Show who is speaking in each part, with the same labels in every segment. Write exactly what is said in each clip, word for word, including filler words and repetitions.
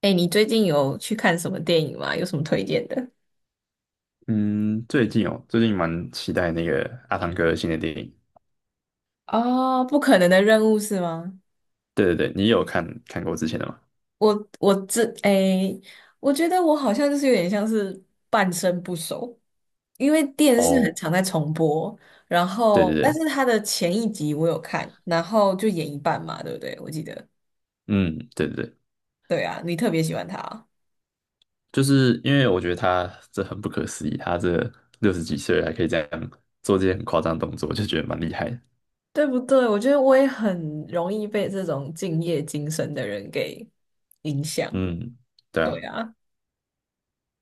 Speaker 1: 哎，你最近有去看什么电影吗？有什么推荐的？
Speaker 2: 嗯，最近哦，最近蛮期待那个阿汤哥的新的电影。
Speaker 1: 哦，不可能的任务是吗？
Speaker 2: 对对对，你有看看过之前的吗？
Speaker 1: 我我这哎，我觉得我好像就是有点像是半生不熟，因为电视很
Speaker 2: 哦，
Speaker 1: 常在重播，然
Speaker 2: 对对
Speaker 1: 后但是
Speaker 2: 对，
Speaker 1: 它的前一集我有看，然后就演一半嘛，对不对？我记得，
Speaker 2: 嗯，对对对，
Speaker 1: 对啊，你特别喜欢他，
Speaker 2: 就是因为我觉得他这很不可思议，他这六十几岁了还可以这样做这些很夸张的动作，就觉得蛮厉害的。
Speaker 1: 对不对？我觉得我也很容易被这种敬业精神的人给影响，
Speaker 2: 嗯，对
Speaker 1: 对
Speaker 2: 啊，
Speaker 1: 啊，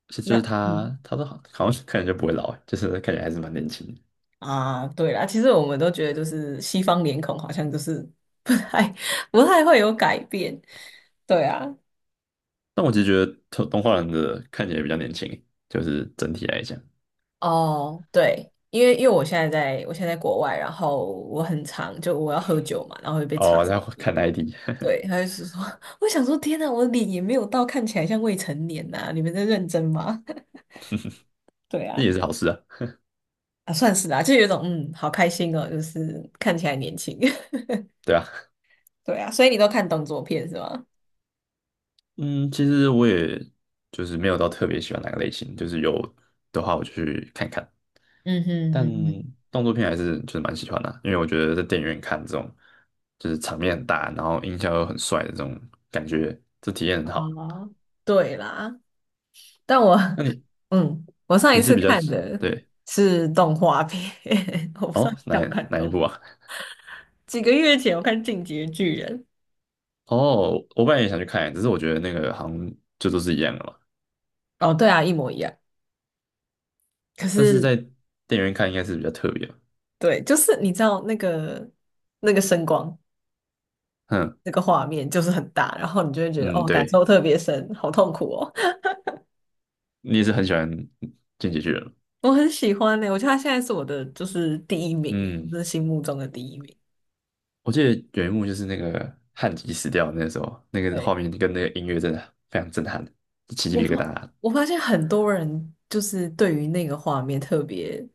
Speaker 2: 是就
Speaker 1: 那
Speaker 2: 是
Speaker 1: 嗯。
Speaker 2: 他，他都好好像看起来就不会老欸，就是看起来还是蛮年轻的。
Speaker 1: 啊，对啦，其实我们都觉得就是西方脸孔好像就是不太 不太会有改变，对啊，
Speaker 2: 但我其实觉得动动画人的看起来比较年轻欸，就是整体来讲。
Speaker 1: 哦，对，因为因为我现在在我现在在国外，然后我很常就我要喝酒嘛，然后会被查，
Speaker 2: 哦，然后看 I D，
Speaker 1: 对，他就是说，我想说天呐，我脸也没有到看起来像未成年呐、你们在认真吗？对
Speaker 2: 那
Speaker 1: 啊，
Speaker 2: 也是好事啊，
Speaker 1: 啊算是啦、就有一种嗯，好开心哦，就是看起来年轻，
Speaker 2: 对啊。
Speaker 1: 对啊，所以你都看动作片是吗？
Speaker 2: 嗯，其实我也就是没有到特别喜欢哪个类型，就是有的话我就去看看。
Speaker 1: 嗯哼
Speaker 2: 但
Speaker 1: 嗯
Speaker 2: 动作片还是就是蛮喜欢的啊，因为我觉得在电影院看这种就是场面很大，然后音效又很帅的这种感觉，这体验很
Speaker 1: 哼，
Speaker 2: 好。
Speaker 1: 哦，对啦。但我，
Speaker 2: 那你
Speaker 1: 嗯，我上一
Speaker 2: 你是
Speaker 1: 次
Speaker 2: 比较
Speaker 1: 看的
Speaker 2: 对
Speaker 1: 是动画片，我不知道
Speaker 2: 哦
Speaker 1: 你
Speaker 2: 哪
Speaker 1: 看不看
Speaker 2: 哪一
Speaker 1: 动。
Speaker 2: 部啊？
Speaker 1: 几个月前我看《进击的巨人》，
Speaker 2: 哦，我本来也想去看，只是我觉得那个好像就都是一样的嘛。
Speaker 1: 哦，对啊，一模一样。可
Speaker 2: 但是
Speaker 1: 是，
Speaker 2: 在电影院看应该是比较特别吧。
Speaker 1: 对，就是你知道那个那个声光，
Speaker 2: 嗯
Speaker 1: 那个画面就是很大，然后你就会觉得
Speaker 2: 嗯，
Speaker 1: 哦，感受
Speaker 2: 对，
Speaker 1: 特别深，好痛苦哦。
Speaker 2: 你也是很喜欢《进击的巨人》吗？
Speaker 1: 我很喜欢呢、我觉得他现在是我的就是第一名欸，
Speaker 2: 嗯。
Speaker 1: 就是心目中的第一名。
Speaker 2: 我记得有一幕就是那个汉吉死掉的那时候，那个画
Speaker 1: 对，
Speaker 2: 面跟那个音乐真的非常震撼，起鸡
Speaker 1: 我
Speaker 2: 皮疙
Speaker 1: 发
Speaker 2: 瘩。
Speaker 1: 我发现很多人就是对于那个画面特别。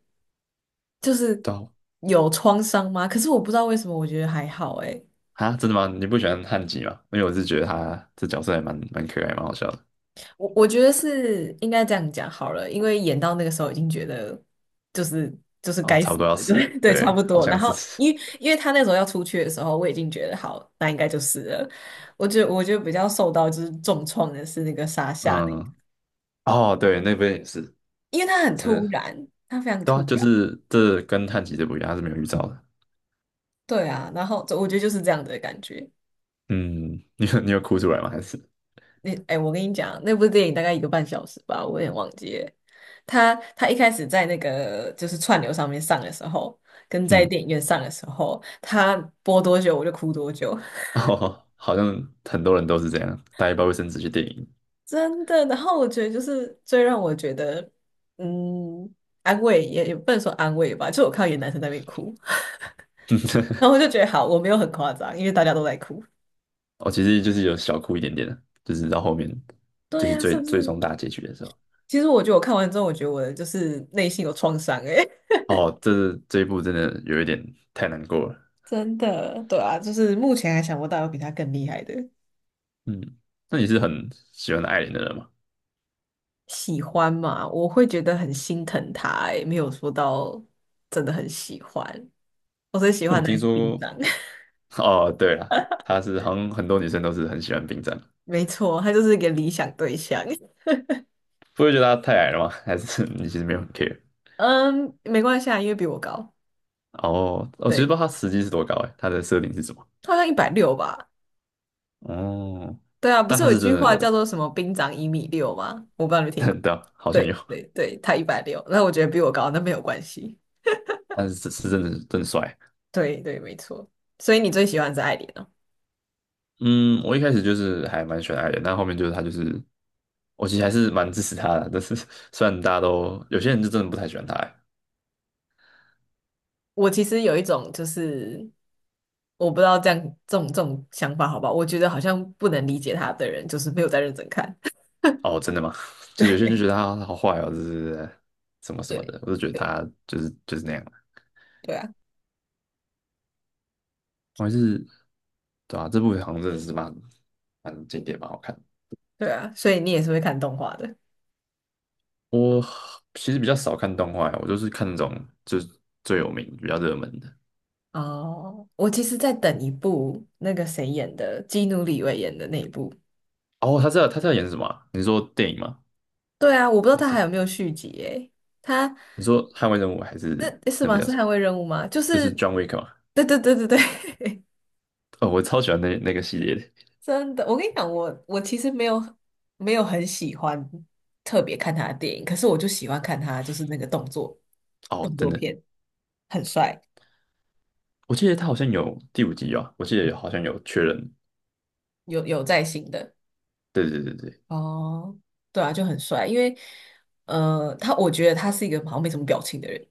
Speaker 1: 就是
Speaker 2: 对啊，
Speaker 1: 有创伤吗？可是我不知道为什么，我觉得还好诶。
Speaker 2: 啊真的吗？你不喜欢汉吉吗？因为我是觉得他这角色还蛮蛮可爱，蛮好笑的。
Speaker 1: 我我觉得是应该这样讲好了，因为演到那个时候已经觉得就是就是
Speaker 2: 哦，
Speaker 1: 该
Speaker 2: 差
Speaker 1: 死
Speaker 2: 不多要
Speaker 1: 的，
Speaker 2: 死了，
Speaker 1: 对 对，差
Speaker 2: 对，
Speaker 1: 不
Speaker 2: 好
Speaker 1: 多。然
Speaker 2: 像是
Speaker 1: 后
Speaker 2: 死。
Speaker 1: 因为因为他那时候要出去的时候，我已经觉得好，那应该就是了。我觉得我觉得比较受到就是重创的是那个沙夏的，
Speaker 2: 嗯，哦，对，那边也是，
Speaker 1: 因为他很
Speaker 2: 真
Speaker 1: 突
Speaker 2: 的，
Speaker 1: 然，他非常
Speaker 2: 对啊，
Speaker 1: 突
Speaker 2: 就
Speaker 1: 然。
Speaker 2: 是这跟汉吉这不一样，他是没有预兆的。
Speaker 1: 对啊，然后我觉得就是这样的感觉。
Speaker 2: 嗯，你有你有哭出来吗？还是
Speaker 1: 那哎、我跟你讲，那部电影大概一个半小时吧，我有点忘记了。他他一开始在那个就是串流上面上的时候，跟在
Speaker 2: 嗯，
Speaker 1: 电影院上的时候，他播多久我就哭多久，
Speaker 2: 哦，好像很多人都是这样，带一包卫生纸去电影。
Speaker 1: 真的。然后我觉得就是最让我觉得嗯安慰也也不能说安慰吧，就我看到有男生在那边哭，然后我就觉得好，我没有很夸张，因为大家都在哭。
Speaker 2: 哦，其实就是有小哭一点点的，就是到后面，就
Speaker 1: 对
Speaker 2: 是
Speaker 1: 呀、是
Speaker 2: 最
Speaker 1: 不
Speaker 2: 最终
Speaker 1: 是？
Speaker 2: 大结局的时候。
Speaker 1: 其实我觉得我看完之后，我觉得我的就是内心有创伤哎、
Speaker 2: 哦，这这一部真的有一点太难过了。
Speaker 1: 真的，对啊，就是目前还想不到有比他更厉害的。
Speaker 2: 嗯，那你是很喜欢艾琳的人吗？
Speaker 1: 喜欢嘛，我会觉得很心疼他、欸，没有说到真的很喜欢。我最喜
Speaker 2: 因为我
Speaker 1: 欢的还
Speaker 2: 听
Speaker 1: 是冰
Speaker 2: 说
Speaker 1: 长，
Speaker 2: 哦，对了，她是好像很多女生都是很喜欢冰战，
Speaker 1: 没错，他就是一个理想对象。
Speaker 2: 不会觉得她太矮了吗？还是 你其实没有很 care？
Speaker 1: 嗯，没关系啊，因为比我高，
Speaker 2: 哦，我其实不
Speaker 1: 对，
Speaker 2: 知道她实际是多高哎，她的设定是什么？
Speaker 1: 他好像一百六吧。
Speaker 2: 哦，
Speaker 1: 对啊，不
Speaker 2: 但
Speaker 1: 是
Speaker 2: 她
Speaker 1: 有一
Speaker 2: 是真
Speaker 1: 句话叫
Speaker 2: 的，
Speaker 1: 做什么"兵长一米六"吗？我不知道你有 听过。
Speaker 2: 对啊，好像有，
Speaker 1: 对对对，他一百六，那我觉得比我高，那没有关系。
Speaker 2: 但是是是真的真的帅。
Speaker 1: 对对，没错。所以你最喜欢是艾琳。
Speaker 2: 嗯，我一开始就是还蛮喜欢艾的，但后面就是他就是，我其实还是蛮支持他的。但是虽然大家都有些人就真的不太喜欢他欸
Speaker 1: 我其实有一种就是我不知道这样这种这种想法好不好？我觉得好像不能理解他的人，就是没有在认真看。
Speaker 2: 哦，真的吗？就有些人就觉得 他好坏哦，就是什么什么
Speaker 1: 对
Speaker 2: 的，我就觉得
Speaker 1: 对
Speaker 2: 他就是就是那样。
Speaker 1: 对啊，
Speaker 2: 我还是对啊，这部好像真的是蛮蛮经典，蛮好看。
Speaker 1: 对啊，所以你也是会看动画的
Speaker 2: 我其实比较少看动画欸，我就是看那种就是最有名、比较热门的。
Speaker 1: 哦。我其实在等一部那个谁演的，基努里维演的那一部。
Speaker 2: 哦，他知道他在演什么啊你说电影吗？
Speaker 1: 对啊，我不知道
Speaker 2: 还
Speaker 1: 他还
Speaker 2: 是
Speaker 1: 有没有续集诶。他
Speaker 2: 你说《捍卫任务》还是
Speaker 1: 这是
Speaker 2: 那部
Speaker 1: 吗？
Speaker 2: 叫
Speaker 1: 是
Speaker 2: 什么？
Speaker 1: 捍卫任务吗？就
Speaker 2: 就
Speaker 1: 是，
Speaker 2: 是 John Wick 嘛。
Speaker 1: 对对对对对，
Speaker 2: 哦，我超喜欢那那个系列的。
Speaker 1: 真的，我跟你讲，我我其实没有没有很喜欢特别看他的电影，可是我就喜欢看他就是那个动作
Speaker 2: 哦，
Speaker 1: 动
Speaker 2: 真
Speaker 1: 作
Speaker 2: 的，
Speaker 1: 片，很帅，
Speaker 2: 我记得他好像有第五集啊，我记得好像有确认。
Speaker 1: 有有在新的。
Speaker 2: 对对对对
Speaker 1: 哦，对啊，就很帅，因为呃，他我觉得他是一个好像没什么表情的人。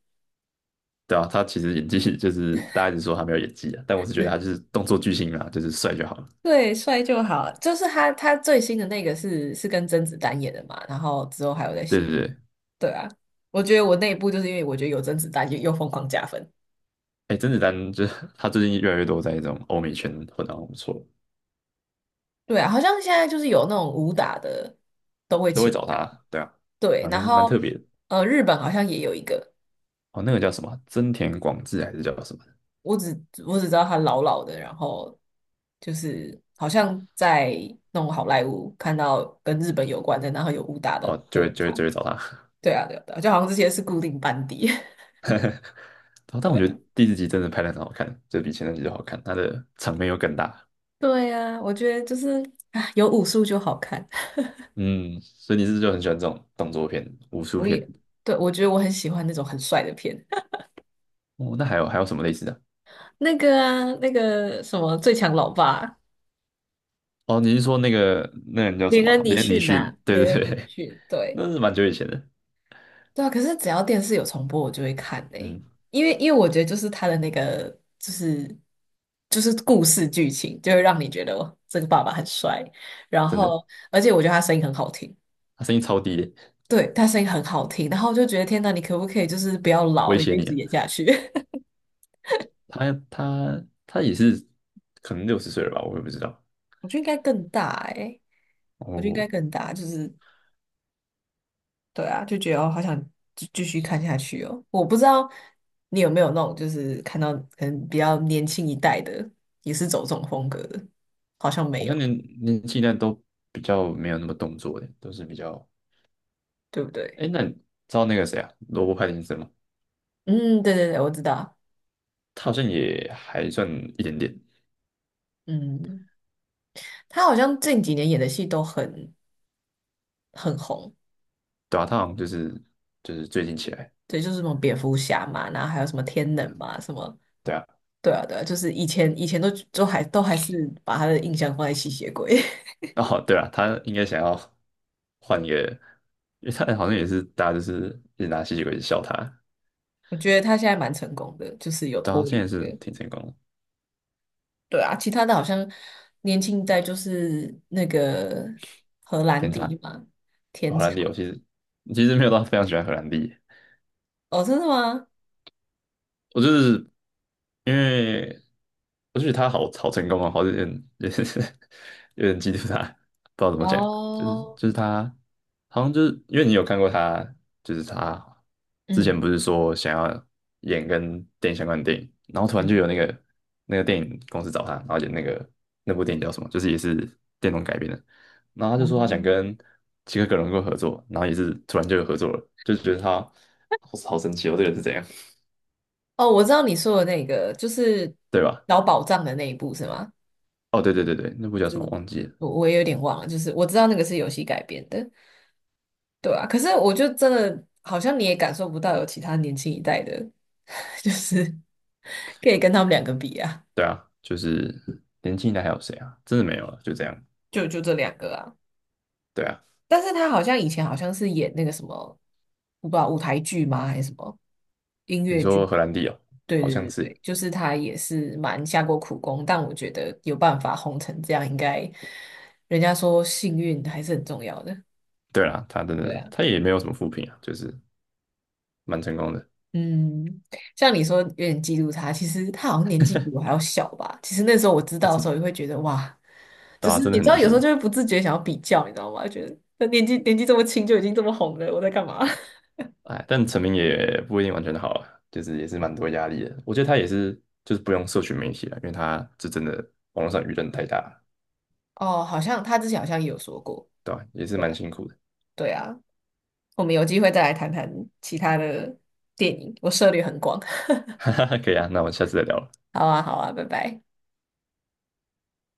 Speaker 2: 对啊，他其实演技 就是大家一直说他没有演技啊，但我是觉得他就是动作巨星啊，就是帅就好了。
Speaker 1: 对，帅就好。就是他他最新的那个是是跟甄子丹演的嘛，然后之后还有在
Speaker 2: 对
Speaker 1: 新。
Speaker 2: 对对，
Speaker 1: 对啊，我觉得我那一部就是因为我觉得有甄子丹就又疯狂加分。
Speaker 2: 哎，甄子丹就是 他最近越来越多在这种欧美圈混得很不错，
Speaker 1: 对啊，好像现在就是有那种武打的都会
Speaker 2: 都会
Speaker 1: 请。
Speaker 2: 找他。对啊，
Speaker 1: 对，
Speaker 2: 蛮
Speaker 1: 然
Speaker 2: 蛮
Speaker 1: 后
Speaker 2: 特别的。
Speaker 1: 呃，日本好像也有一个，
Speaker 2: 哦，那个叫什么啊？真田广志还是叫什么？
Speaker 1: 我只我只知道他老老的，然后就是好像在那种好莱坞看到跟日本有关的，然后有武打的
Speaker 2: 哦，
Speaker 1: 都
Speaker 2: 就会
Speaker 1: 有
Speaker 2: 就
Speaker 1: 他，
Speaker 2: 会就会找他。
Speaker 1: 对啊，对啊，对啊，就好像这些是固定班底。
Speaker 2: 但我
Speaker 1: 对
Speaker 2: 觉得
Speaker 1: 啊，
Speaker 2: 第四集真的拍的很好看，就比前三集都好看，他的场面又更大。
Speaker 1: 对啊，我觉得就是啊，有武术就好看。
Speaker 2: 嗯，所以你是不是就很喜欢这种动作片、武术
Speaker 1: 我
Speaker 2: 片？
Speaker 1: 也对，我觉得我很喜欢那种很帅的片，
Speaker 2: 哦，那还有还有什么类似的？
Speaker 1: 那个啊，那个什么《最强老爸》，
Speaker 2: 哦，你是说那个那个人叫什
Speaker 1: 连
Speaker 2: 么
Speaker 1: 恩·
Speaker 2: 啊
Speaker 1: 尼
Speaker 2: 连尼
Speaker 1: 逊
Speaker 2: 逊？
Speaker 1: 啊，
Speaker 2: 对
Speaker 1: 连
Speaker 2: 对
Speaker 1: 恩·尼
Speaker 2: 对，
Speaker 1: 逊，对。
Speaker 2: 那是蛮久以前的。
Speaker 1: 对啊，可是只要电视有重播，我就会看嘞、
Speaker 2: 嗯，
Speaker 1: 因为因为我觉得就是他的那个就是就是故事剧情，就会让你觉得哦这个爸爸很帅，然
Speaker 2: 真的，
Speaker 1: 后而且我觉得他声音很好听，
Speaker 2: 他声音超低的，
Speaker 1: 对，他声音很好听，然后我就觉得天呐，你可不可以就是不要老，
Speaker 2: 威
Speaker 1: 你就
Speaker 2: 胁
Speaker 1: 一
Speaker 2: 你
Speaker 1: 直
Speaker 2: 啊。
Speaker 1: 演下去？
Speaker 2: 他他他也是可能六十岁了吧，我也不知道。
Speaker 1: 我觉得应该更大哎、我觉得应该
Speaker 2: 哦，
Speaker 1: 更大，就是对啊，就觉得哦，好想继继续看下去哦。我不知道你有没有那种，就是看到可能比较年轻一代的，也是走这种风格的，好像没
Speaker 2: 好像
Speaker 1: 有，
Speaker 2: 年年纪呢都比较没有那么动作的，都是比较……
Speaker 1: 对不对？
Speaker 2: 哎，那你知道那个谁啊，罗伯·派丁森吗？
Speaker 1: 嗯，对对对，我知道。
Speaker 2: 他好像也还算一点点，
Speaker 1: 嗯，他好像近几年演的戏都很很红，
Speaker 2: 对啊，他好像就是就是最近起来。
Speaker 1: 对，就是什么蝙蝠侠嘛，然后还有什么天能嘛，什么，
Speaker 2: 对啊，
Speaker 1: 对啊对啊，就是以前以前都都还都还是把他的印象放在吸血鬼，
Speaker 2: 哦，对啊，他应该想要换一个，因为他好像也是大家就是一直拿吸血鬼一直笑他，
Speaker 1: 我觉得他现在蛮成功的，就是有
Speaker 2: 但
Speaker 1: 脱
Speaker 2: 他现在
Speaker 1: 离。
Speaker 2: 是挺成功的，
Speaker 1: 对啊，其他的好像年轻一代就是那个荷兰
Speaker 2: 天才。
Speaker 1: 弟嘛，天
Speaker 2: 荷
Speaker 1: 茶。
Speaker 2: 兰弟，我其实其实没有到非常喜欢荷兰弟，
Speaker 1: 哦，真的吗？
Speaker 2: 我就是因为我就觉得他好好成功啊，好像有点 有点嫉妒他，不知道怎么讲，就是
Speaker 1: 哦，
Speaker 2: 就是他好像就是因为你有看过他，就是他之前
Speaker 1: 嗯
Speaker 2: 不是说想要演跟电影相关的电影，然后突然就
Speaker 1: 嗯，
Speaker 2: 有那个那个电影公司找他，然后演那个那部电影叫什么，就是也是电动改编的，然后他就说
Speaker 1: 哦，
Speaker 2: 他想跟齐克·格伦够合作，然后也是突然就有合作了，就觉得他好好神奇哦，这个人是怎样，
Speaker 1: 哦，我知道你说的那个，就是
Speaker 2: 对吧？
Speaker 1: 找宝藏的那一部是吗？
Speaker 2: 哦，对对对对，那部叫什么
Speaker 1: 是，
Speaker 2: 忘记了？
Speaker 1: 我我也有点忘了，就是我知道那个是游戏改编的，对啊。可是我就真的好像你也感受不到有其他年轻一代的，就是可以跟他们两个比啊，
Speaker 2: 对啊，就是年轻一代还有谁啊？真的没有了，就这样。
Speaker 1: 就就这两个啊。
Speaker 2: 对啊，
Speaker 1: 但是他好像以前好像是演那个什么，我不知道舞台剧吗还是什么音
Speaker 2: 你
Speaker 1: 乐
Speaker 2: 说
Speaker 1: 剧？
Speaker 2: 荷兰弟哦，
Speaker 1: 对
Speaker 2: 好
Speaker 1: 对
Speaker 2: 像
Speaker 1: 对
Speaker 2: 是。
Speaker 1: 对，就是他也是蛮下过苦功，但我觉得有办法红成这样，应该人家说幸运还是很重要的。
Speaker 2: 对啦，他真
Speaker 1: 对
Speaker 2: 的
Speaker 1: 啊，
Speaker 2: 他也没有什么负评啊，就是蛮成功的。
Speaker 1: 嗯，像你说有点嫉妒他，其实他好像年纪比我还要小吧。其实那时候我知
Speaker 2: 哦，
Speaker 1: 道的时
Speaker 2: 真
Speaker 1: 候，也会觉得哇，就
Speaker 2: 对啊，
Speaker 1: 是
Speaker 2: 真的
Speaker 1: 你
Speaker 2: 很
Speaker 1: 知道
Speaker 2: 年
Speaker 1: 有时候
Speaker 2: 轻。
Speaker 1: 就会不自觉想要比较，你知道吗？觉得他年纪年纪这么轻就已经这么红了，我在干嘛？
Speaker 2: 哎，但成名也不一定完全的好啊，就是也是蛮多压力的。我觉得他也是就是不用社群媒体了，因为他这真的网络上舆论太大了，
Speaker 1: 哦，好像他之前好像也有说过。
Speaker 2: 对吧、也是蛮
Speaker 1: 对
Speaker 2: 辛苦的。
Speaker 1: 对啊，我们有机会再来谈谈其他的电影，我涉猎很广。
Speaker 2: 哈哈，可以啊，那我们下次再聊了。
Speaker 1: 好啊，好啊，拜拜。